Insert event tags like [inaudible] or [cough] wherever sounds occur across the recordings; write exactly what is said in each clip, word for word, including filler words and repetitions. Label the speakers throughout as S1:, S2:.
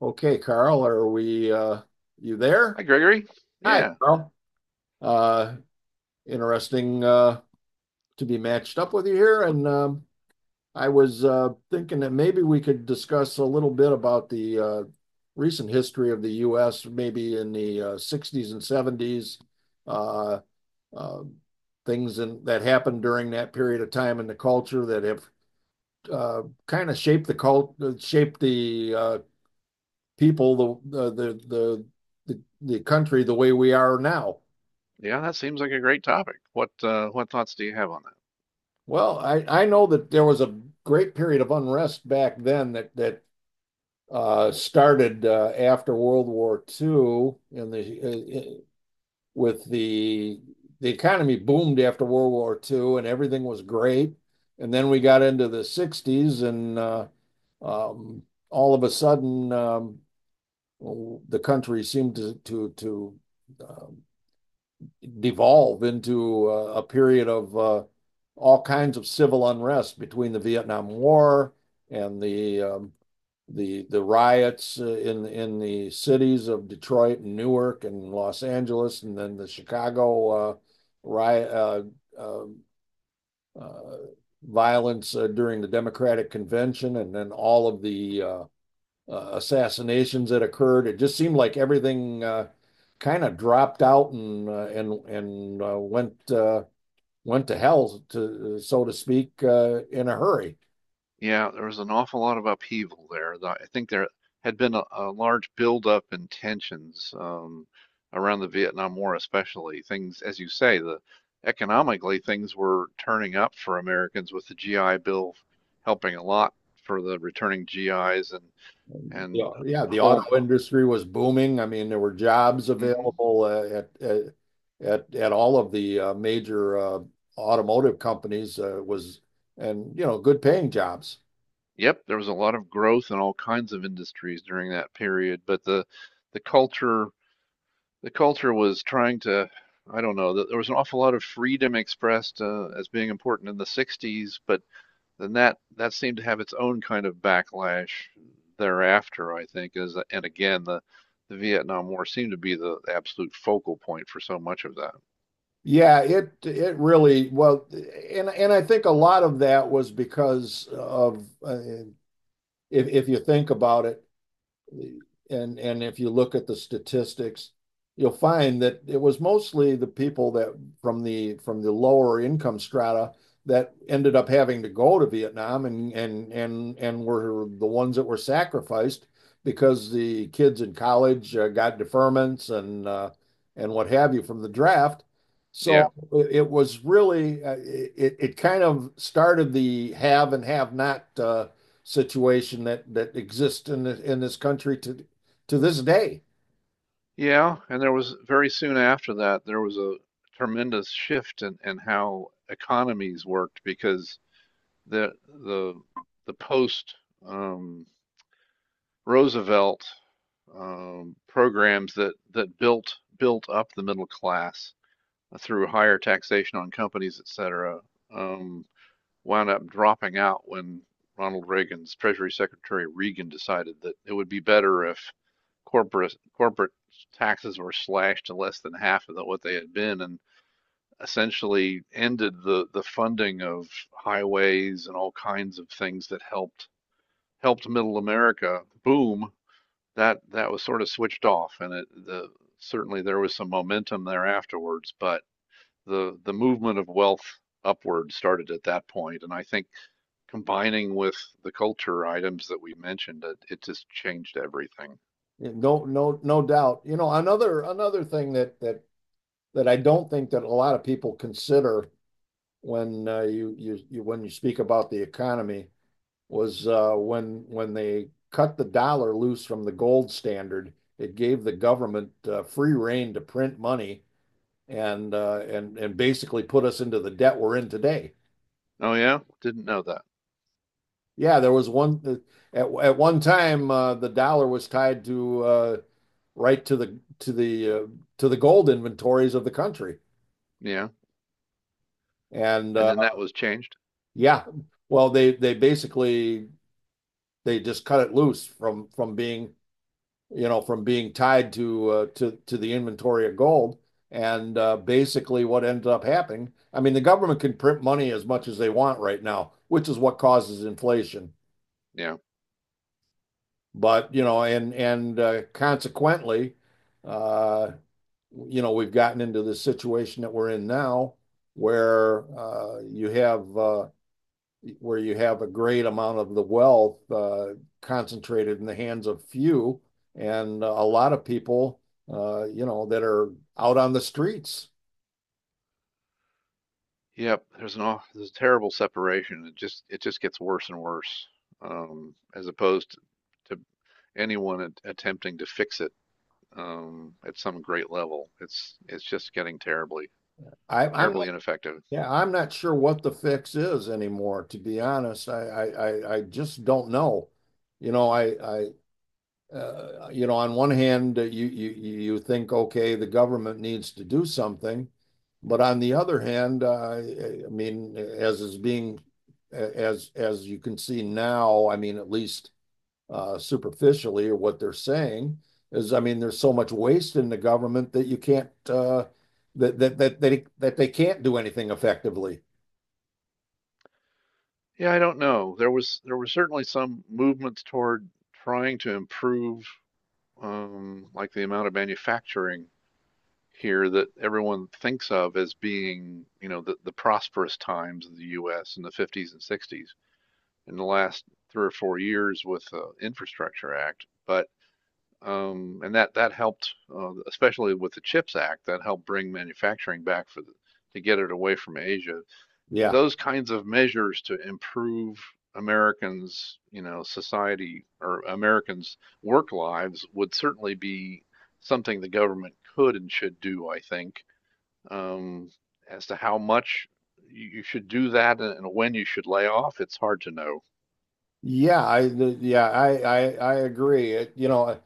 S1: Okay, Carl, are we, uh, you there?
S2: Hi, Gregory.
S1: Hi,
S2: Yeah,
S1: Carl. Uh, interesting, uh, to be matched up with you here. And, um, I was, uh, thinking that maybe we could discuss a little bit about the, uh, recent history of the U S, maybe in the, uh, sixties and seventies, uh, uh, things in, that happened during that period of time in the culture that have, uh, kind of shaped the cult, uh, shaped the, uh, people, the the the the, the country the way we are now.
S2: yeah, that seems like a great topic. What uh, what thoughts do you have on that?
S1: Well, I, I know that there was a great period of unrest back then that that uh, started uh, after World War two, and the uh, uh, with the the economy boomed after World War t w o, and everything was great. And then we got into the sixties, and uh, um, all of a sudden, um, the country seemed to to to um, devolve into uh, a period of uh, all kinds of civil unrest between the Vietnam War and the um, the the riots uh, in in the cities of Detroit and Newark and Los Angeles, and then the Chicago uh, riot uh, uh, uh, violence uh, during the Democratic Convention, and then all of the uh, uh, assassinations that occurred. It just seemed like everything uh, kind of dropped out and uh, and and uh, went uh, went to hell to so to speak uh, in a hurry.
S2: Yeah, there was an awful lot of upheaval there. Tho- I think there had been a, a large buildup in tensions um, around the Vietnam War, especially. Things, as you say, the economically things were turning up for Americans with the G I Bill helping a lot for the returning G Is and and
S1: Yeah, yeah, the
S2: home.
S1: auto industry was booming. I mean, there were jobs
S2: Mm-hmm.
S1: available uh, at, at at at all of the uh, major uh, automotive companies uh, was and you know good paying jobs.
S2: Yep, there was a lot of growth in all kinds of industries during that period, but the the culture the culture was trying to, I don't know, th- there was an awful lot of freedom expressed uh, as being important in the sixties, but then that that seemed to have its own kind of backlash thereafter, I think, is and again the the Vietnam War seemed to be the absolute focal point for so much of that.
S1: Yeah, it it really well, and and I think a lot of that was because of uh, if if you think about it, and and if you look at the statistics, you'll find that it was mostly the people that from the from the lower income strata that ended up having to go to Vietnam and and and and were the ones that were sacrificed because the kids in college uh, got deferments and uh, and what have you from the draft.
S2: Yeah.
S1: So it was really uh, it it kind of started the have and have not uh, situation that that exists in the, in this country to to this day.
S2: Yeah, and there was very soon after that, there was a tremendous shift in, in how economies worked because the the the post um, Roosevelt um, programs that that built built up the middle class through higher taxation on companies, et cetera, um, wound up dropping out when Ronald Reagan's Treasury Secretary Reagan decided that it would be better if corporate corporate taxes were slashed to less than half of what they had been and essentially ended the the funding of highways and all kinds of things that helped helped middle America boom. That that was sort of switched off, and it the, certainly there was some momentum there afterwards, but the the movement of wealth upward started at that point, and I think combining with the culture items that we mentioned, it, it just changed everything.
S1: No, no, no doubt. You know, another another thing that that that I don't think that a lot of people consider when uh, you, you you when you speak about the economy was uh, when when they cut the dollar loose from the gold standard. It gave the government uh, free reign to print money and uh, and and basically put us into the debt we're in today.
S2: Oh yeah, didn't know that.
S1: Yeah, there was one at at one time uh, the dollar was tied to uh, right to the to the uh, to the gold inventories of the country.
S2: Yeah.
S1: And
S2: And
S1: uh,
S2: then that was changed.
S1: Yeah, well they they basically they just cut it loose from from being you know from being tied to uh, to to the inventory of gold. And uh, basically what ended up happening, I mean, the government can print money as much as they want right now, which is what causes inflation.
S2: Yeah.
S1: But, you know, and and uh, consequently, uh, you know, we've gotten into the situation that we're in now where uh, you have uh, where you have a great amount of the wealth uh, concentrated in the hands of few and a lot of people uh, you know that are out on the streets.
S2: Yep. There's an aw- there's a terrible separation. It just, it just gets worse and worse, um, as opposed to, to anyone at, attempting to fix it, um, at some great level. It's it's just getting terribly
S1: I, I'm not
S2: terribly ineffective.
S1: Yeah, I'm not sure what the fix is anymore, to be honest. I I, I, I just don't know. You know, I, I uh, you know, on one hand, uh, you you you think, okay, the government needs to do something. But on the other hand, uh, I mean, as is being, as as you can see now, I mean, at least uh, superficially, or what they're saying is, I mean, there's so much waste in the government that you can't, uh, that that that they that they can't do anything effectively.
S2: Yeah, I don't know. There was there was certainly some movements toward trying to improve, um, like the amount of manufacturing here that everyone thinks of as being, you know, the, the prosperous times of the U S in the fifties and sixties in the last three or four years with the Infrastructure Act, but um, and that that helped, uh, especially with the CHIPS Act, that helped bring manufacturing back for the, to get it away from Asia.
S1: Yeah.
S2: Those kinds of measures to improve Americans, you know, society, or Americans' work lives, would certainly be something the government could and should do. I think, um, as to how much you should do that and when you should lay off, it's hard to know.
S1: Yeah, I yeah, I I, I agree. It, You know,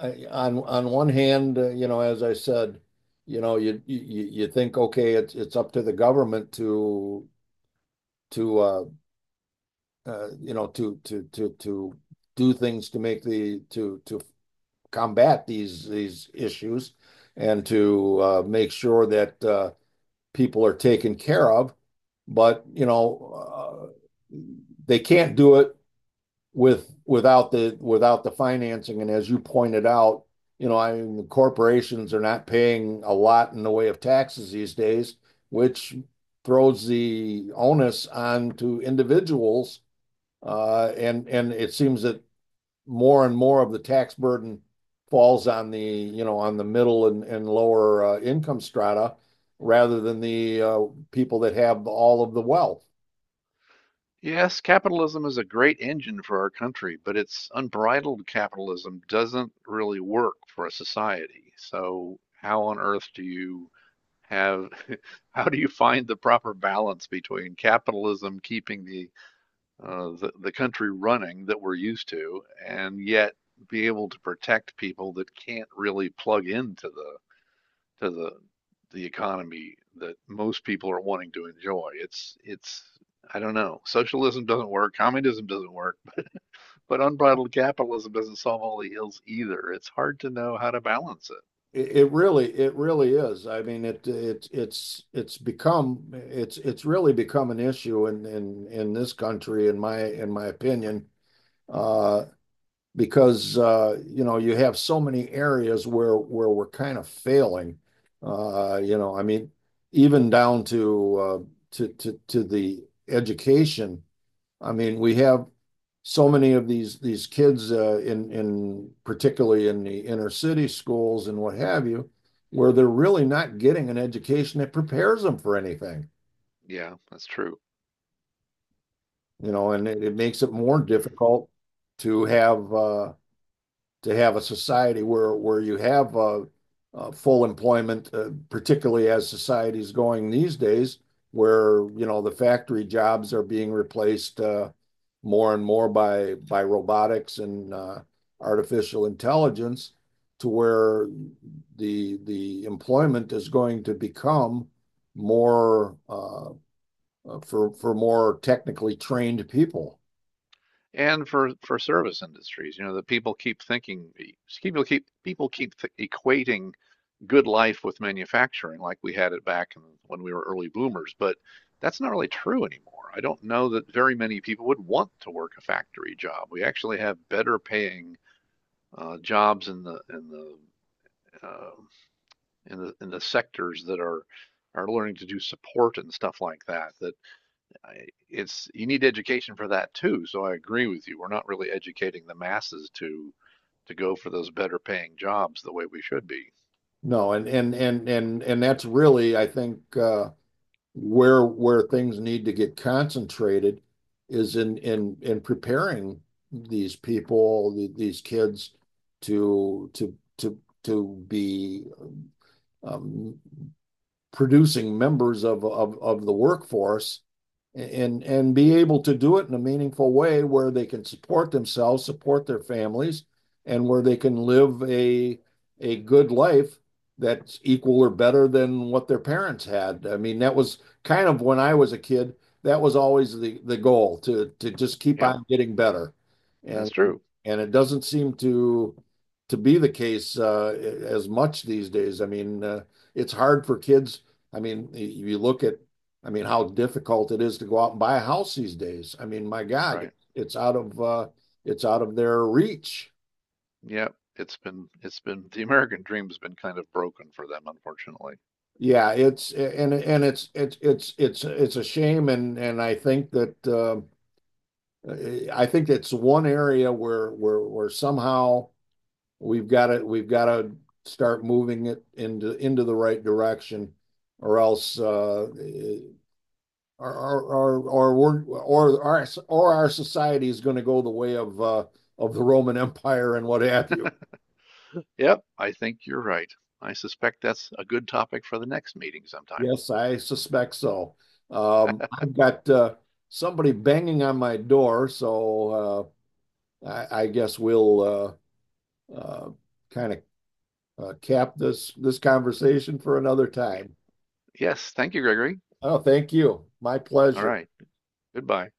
S1: I, on on one hand, uh, you know, as I said, you know, you you you think, okay, it's it's up to the government to to uh, uh you know to to to to do things to make the to to combat these these issues and to uh, make sure that uh, people are taken care of. But you know, uh, they can't do it with without the without the financing. And as you pointed out, you know, I mean, the corporations are not paying a lot in the way of taxes these days, which throws the onus on to individuals. Uh, and and it seems that more and more of the tax burden falls on the you know on the middle and, and lower uh, income strata rather than the uh, people that have all of the wealth.
S2: Yes, capitalism is a great engine for our country, but it's unbridled capitalism doesn't really work for a society. So how on earth do you have, [laughs] how do you find the proper balance between capitalism keeping the uh, the, the country running that we're used to, and yet be able to protect people that can't really plug into the to the the economy that most people are wanting to enjoy. It's it's I don't know. Socialism doesn't work, communism doesn't work, [laughs] but unbridled capitalism doesn't solve all the ills either. It's hard to know how to balance it.
S1: It, it really, it really is. I mean, it, it, it's, it's become, it's, it's really become an issue in, in, in this country, in my, in my opinion, uh, because uh, you know, you have so many areas where, where we're kind of failing. Uh, you know, I mean, even down to, uh, to, to, to the education. I mean, we have so many of these these kids uh, in in particularly in the inner city schools and what have you, where they're really not getting an education that prepares them for anything,
S2: Yeah, that's true.
S1: you know, and it, it makes it more
S2: [clears throat]
S1: difficult to have uh, to have a society where where you have uh, uh, full employment, uh, particularly as society is going these days, where you know the factory jobs are being replaced uh, more and more by by robotics and uh, artificial intelligence, to where the the employment is going to become more uh, for for more technically trained people.
S2: And for for service industries, you know, the people keep thinking people keep people keep th- equating good life with manufacturing like we had it back when we were early boomers, but that's not really true anymore. I don't know that very many people would want to work a factory job. We actually have better paying uh, jobs in the in the uh, in the in the sectors that are are learning to do support and stuff like that that it's you need education for that too. So I agree with you. We're not really educating the masses to to go for those better paying jobs the way we should be.
S1: No, and and and and and that's really, I think, uh, where where things need to get concentrated is in in in preparing these people, these kids to to to to be um, producing members of, of, of the workforce and and be able to do it in a meaningful way where they can support themselves, support their families, and where they can live a a good life that's equal or better than what their parents had. I mean, that was kind of when I was a kid, that was always the the goal to to just keep
S2: Yep,
S1: on getting better.
S2: that's
S1: And
S2: true.
S1: and it doesn't seem to to be the case uh, as much these days. I mean, uh, it's hard for kids. I mean, y- you look at, I mean, how difficult it is to go out and buy a house these days. I mean, my God,
S2: Right.
S1: it's out of uh, it's out of their reach.
S2: Yep. It's been it's been the American dream's been kind of broken for them, unfortunately.
S1: Yeah, it's and and it's it's it's it's it's a shame, and and I think that uh, I think it's one area where where where somehow we've got to we've got to start moving it into into the right direction, or else uh, Or or or our word or our or our society is going to go the way of uh, of the Roman Empire and what have you.
S2: Yep, I think you're right. I suspect that's a good topic for the next meeting sometime.
S1: Yes, I suspect so. Um, I've got uh, somebody banging on my door, so uh, I, I guess we'll uh, uh, kind of uh, cap this this conversation for another time.
S2: Yes, thank you, Gregory.
S1: Oh, thank you. My
S2: All
S1: pleasure.
S2: right, goodbye.